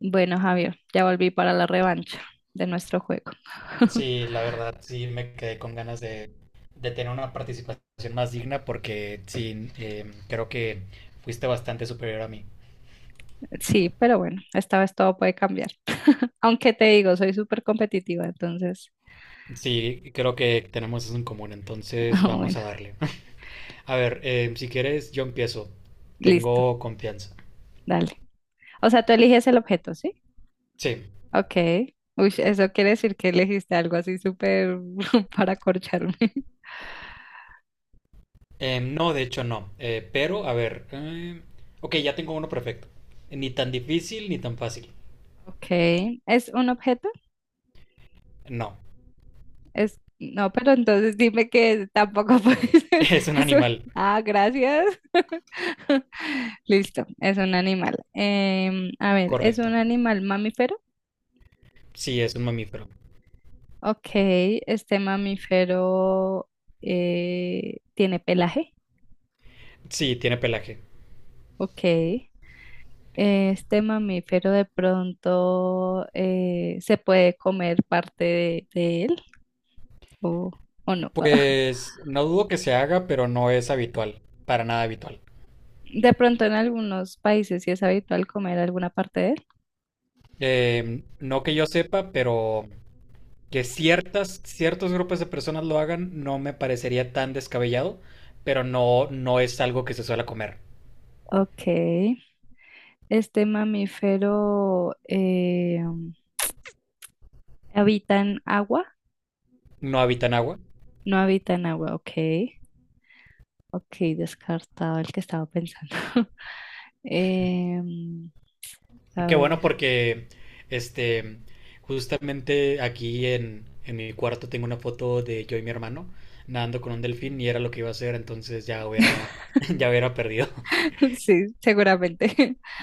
Bueno, Javier, ya volví para la revancha de nuestro juego. Sí, la verdad, sí me quedé con ganas de tener una participación más digna porque sí, creo que fuiste bastante superior a mí. Sí, pero bueno, esta vez todo puede cambiar. Aunque te digo, soy súper competitiva, entonces, Sí, creo que tenemos eso en común, entonces ah, vamos a bueno, darle. A ver, si quieres, yo empiezo. listo, Tengo confianza. dale. O sea, tú eliges el objeto, ¿sí? Sí. Ok. Uy, eso quiere decir que elegiste algo así súper para corcharme. No, de hecho no. Pero, a ver. Ok, ya tengo uno perfecto. Ni tan difícil ni tan fácil. Ok. ¿Es un objeto? No. Es, no, pero entonces dime que tampoco puede ser. Es un animal. Ah, gracias. Listo, es un animal. A ver, ¿es un Correcto. animal mamífero? Sí, es un mamífero. Ok, este mamífero tiene pelaje. Sí, tiene pelaje. Ok. Este mamífero de pronto se puede comer parte de él o, o no. Pues no dudo que se haga, pero no es habitual, para nada habitual. De pronto en algunos países sí es habitual comer alguna parte de él. No que yo sepa, pero que ciertos grupos de personas lo hagan no me parecería tan descabellado, pero no, no es algo que se suele comer. Ok. Este mamífero habita en agua. No habitan agua. No habita en agua, ok. Ok, descartado el que estaba pensando. Em, a Qué bueno ver. porque, este, justamente aquí en mi cuarto tengo una foto de yo y mi hermano nadando con un delfín y era lo que iba a hacer, entonces ya hubiera, ya hubiera perdido. Sí, seguramente.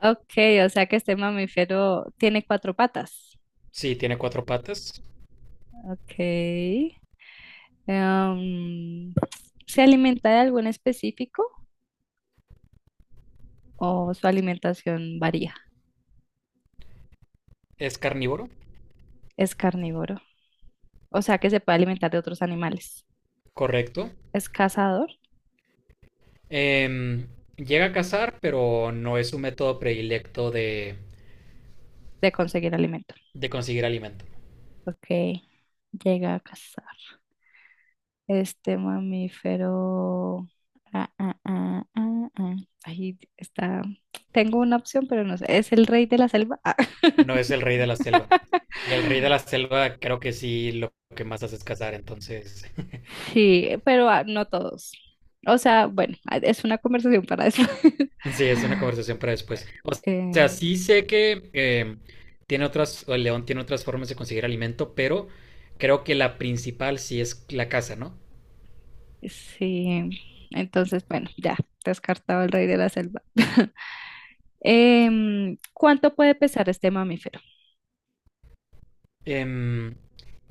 Ok, o sea que este mamífero tiene cuatro patas. Sí, tiene cuatro patas, Ok. Em, ¿Se alimenta de algún específico o su alimentación varía? es carnívoro. Es carnívoro. O sea que se puede alimentar de otros animales. Correcto. Es cazador. Em, Llega a cazar, pero no es su método predilecto De conseguir alimento. de conseguir alimento. Ok, llega a cazar. Este mamífero. Ah, ah, ah, ah, ah. Ahí está. Tengo una opción, pero no sé. ¿Es el rey de la selva? Ah, No es el rey de la selva. Y el rey de la selva creo que sí, lo que más hace es cazar, entonces sí, pero ah, no todos. O sea, bueno, ah, es una conversación para eso. sí, es una conversación para después. O sea, Em, sí sé que tiene otras, o el león tiene otras formas de conseguir alimento, pero creo que la principal sí es la caza, ¿no? sí, entonces, bueno, ya, descartado el rey de la selva. ¿Cuánto puede pesar este mamífero? Em,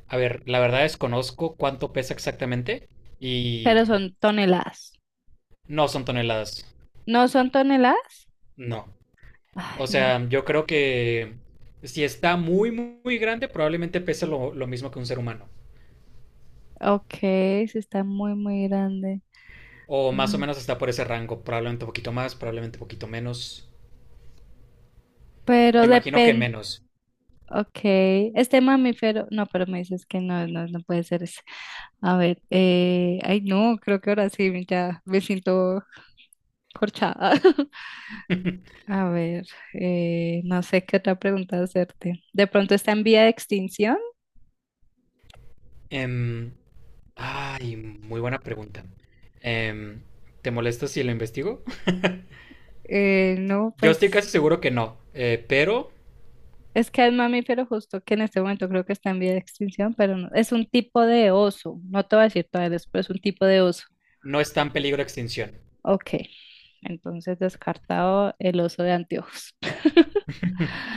a ver, la verdad desconozco cuánto pesa exactamente y Pero son toneladas. no son toneladas. ¿No son toneladas? No. Ay, O no. sea, yo creo que si está muy, muy, muy grande, probablemente pese lo mismo que un ser humano. Ok, sí está muy, muy grande. O más o Mm. menos está por ese rango. Probablemente un poquito más, probablemente un poquito menos. Me Pero imagino que depende. menos. Ok, este mamífero. No, pero me dices que no, no, no puede ser ese. A ver, ay, no, creo que ahora sí, ya me siento corchada. A ver, no sé qué otra pregunta hacerte. ¿De pronto está en vía de extinción? Em, ay, muy buena pregunta. Em, ¿te molesta si lo investigo? No, Yo pues estoy casi seguro que no, pero es que el mamífero justo que en este momento creo que está en vía de extinción, pero no, es un tipo de oso. No te voy a decir todavía después, es un tipo de oso. no está en peligro de extinción. Ok, entonces descartado el oso de anteojos.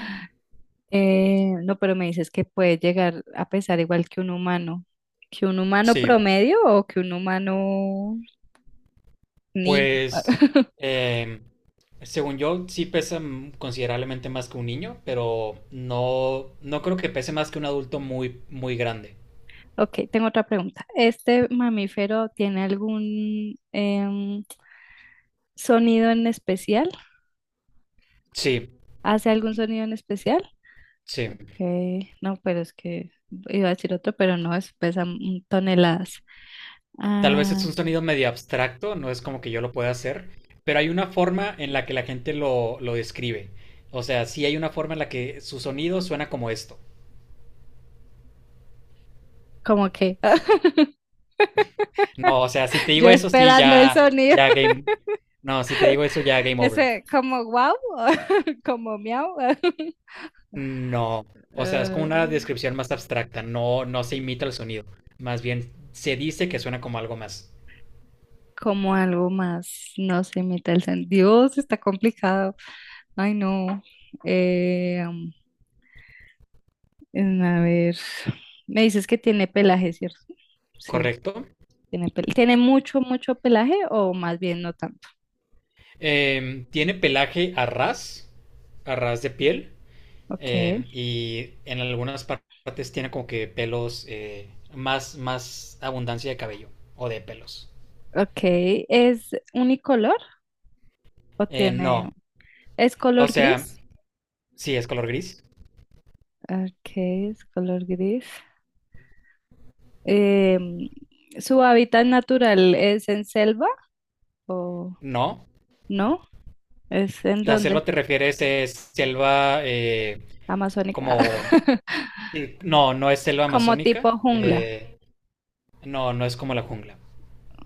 No, pero me dices que puede llegar a pesar igual que un humano. ¿Que un humano Sí. promedio o que un humano niño? Pues, eh, según yo, sí pesa mm, considerablemente más que un niño, pero no, no creo que pese más que un adulto muy, muy grande. Ok, tengo otra pregunta. ¿Este mamífero tiene algún sonido en especial? Sí, ¿Hace algún sonido en especial? sí. Ok, no, pero es que iba a decir otro, pero no, es pesa mm, toneladas. Tal vez es Ah, un sonido medio abstracto, no es como que yo lo pueda hacer, pero hay una forma en la que la gente lo describe. O sea, sí hay una forma en la que su sonido suena como esto. como que No, o sea, si te yo digo eso, sí, esperando el ya, sonido. ya game. No, si te digo eso, ya game over. Ese como wow, como miau, No, o sea, es como eh, una descripción más abstracta, no, no se imita el sonido, más bien se dice que suena como algo más, como algo más, no se imita el sentido. Dios, está complicado. Ay, no. Eh, mm, a ver, me dices que tiene pelaje, ¿cierto? Sí, ¿correcto? ¿Tiene mucho, mucho pelaje o más bien no tanto? Em, tiene pelaje a ras de piel, Ok, y en algunas partes tiene como que pelos, más, más abundancia de cabello o de pelos. ok. ¿Es unicolor o tiene, No, es o color sea, gris? sí, es color gris, Ok, es color gris. Em, ¿Su hábitat natural es en selva o no. no? ¿Es en La dónde? selva te refieres, es selva Amazónica. como sí, no, no es selva Como amazónica. tipo jungla. No, no es como la jungla.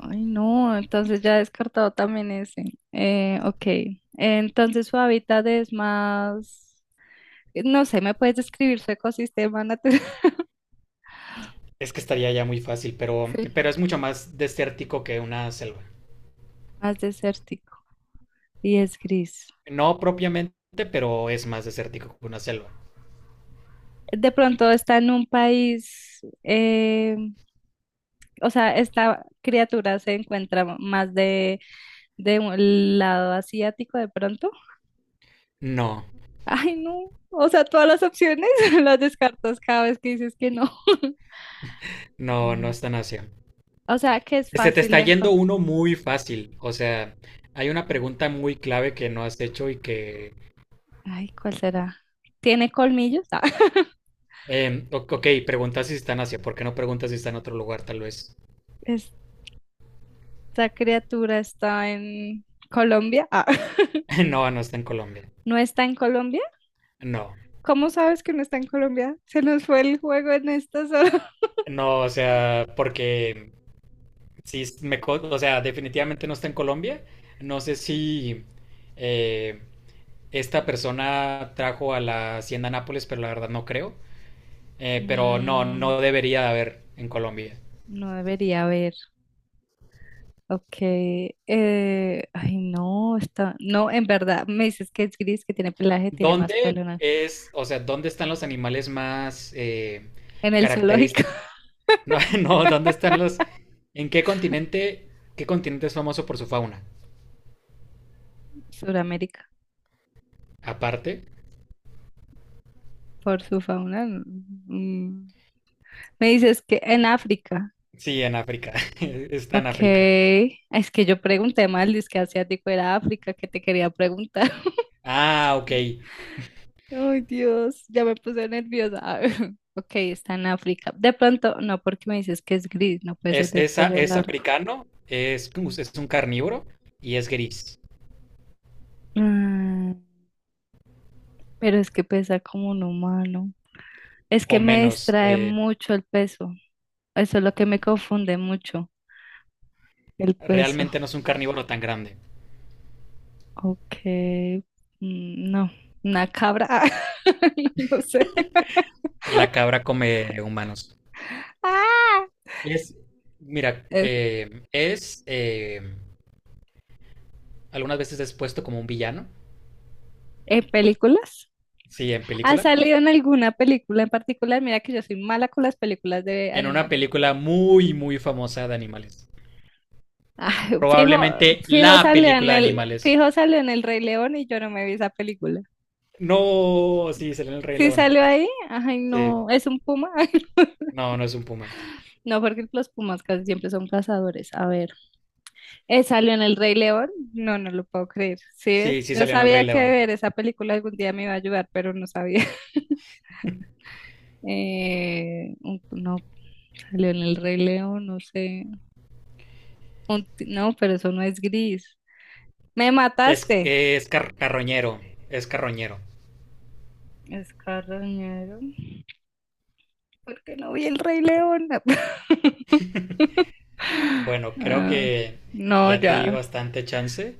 Ay, no, entonces ya he descartado también ese. Ok, entonces su hábitat es más, no sé, ¿me puedes describir su ecosistema natural? Es que estaría ya muy fácil, Sí. pero es mucho más desértico que una selva. Más desértico y es gris. No propiamente, pero es más desértico que una selva. De pronto está en un país, o sea, esta criatura se encuentra más de del lado asiático de pronto. No, Ay, no. O sea, todas las opciones las descartas cada vez que dices que no. no, no No. es tan Asia. O sea, que es Se te fácil está de yendo encontrar. uno muy fácil. O sea, hay una pregunta muy clave que no has hecho y que... Ay, ¿cuál será? ¿Tiene colmillos? Ah, ok, preguntas si está en Asia. ¿Por qué no preguntas si está en otro lugar, tal vez? esta criatura está en Colombia. Ah, No, no está en Colombia. ¿no está en Colombia? No. ¿Cómo sabes que no está en Colombia? Se nos fue el juego en esta zona. No, o sea, porque sí, o sea, definitivamente no está en Colombia. No sé si eh, esta persona trajo a la hacienda Nápoles, pero la verdad no creo. Pero no, Mm, no debería de haber en Colombia. no debería haber. Ok, ay no, está, no, en verdad, me dices que es gris, que tiene pelaje, tiene más ¿Dónde pelo es, o sea, dónde están los animales más en el zoológico, característicos? No, no, ¿dónde están los, en qué continente es famoso por su fauna? Suramérica, Aparte, por su fauna. Mm. Me dices que en África, sí, en África. Está en ok, África. es que yo pregunté mal, dice que asiático era África, que te quería preguntar. Ah, ok. Ay Dios, ya me puse nerviosa. Ok, está en África. De pronto, no, porque me dices que es gris, no puede ser de cuello Es largo. africano, es un carnívoro y es gris, Mm, pero es que pesa como un humano. Es que o me menos. distrae mucho el peso. Eso es lo que me confunde mucho, el peso. Realmente no es un carnívoro tan grande. Ok, mm, no, una cabra. No sé. La cabra come humanos. Ah, Es, mira, es- es algunas veces es puesto como un villano, ¿en películas? sí, en ¿Ha película, salido en alguna película en particular? Mira que yo soy mala con las películas de en una animales. película muy, muy famosa de animales. Ay, fijo, Probablemente fijo la salió en película de el, animales. fijo salió en el Rey León y yo no me vi esa película. No, sí, salió en El Rey Sí León. salió ahí. Ay, Sí, no, es un puma. no, no es un puma. No, porque los pumas casi siempre son cazadores. A ver, salió en El Rey León. No, no lo puedo creer. ¿Sí ves? Sí, sí Yo salió en El Rey sabía que León. ver esa película algún día me iba a ayudar, pero no sabía. No, salió en El Rey León, no sé. No, pero eso no es gris. Me mataste. Es carroñero, es carroñero. Es carroñero. ¿Por qué no vi El Rey León? Bueno, creo Ah, que no, ya te di ya. bastante chance.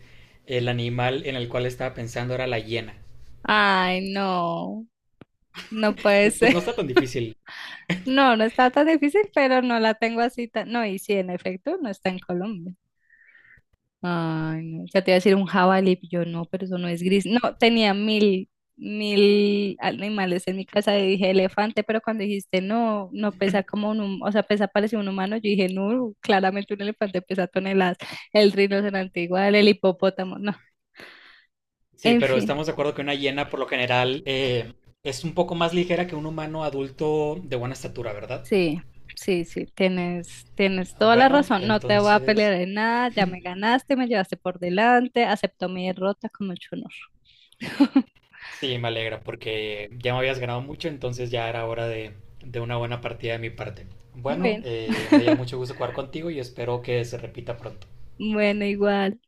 El animal en el cual estaba pensando era la hiena. Ay, no. No puede Pues ser. no está tan difícil. No, no está tan difícil, pero no la tengo así tan... No, y sí, en efecto, no está en Colombia. Ay, no. Ya te iba a decir un jabalí, pero yo no, pero eso no es gris. No, tenía mil, mil animales en mi casa y dije elefante, pero cuando dijiste no, no pesa como un, o sea, pesa parecido a un humano, yo dije no, claramente un elefante pesa toneladas. El rinoceronte igual, el hipopótamo, no. Sí, En pero fin. estamos de acuerdo que una hiena por lo general es un poco más ligera que un humano adulto de buena estatura, ¿verdad? Sí, sí, sí, tienes, tienes toda la Bueno, razón. No te voy a pelear entonces en nada, ya me ganaste, me llevaste por delante, acepto mi derrota con mucho honor. sí, me alegra porque ya me habías ganado mucho, entonces ya era hora de una buena partida de mi parte. Bueno, Bueno, me dio mucho gusto jugar contigo y espero que se repita pronto. bueno, igual.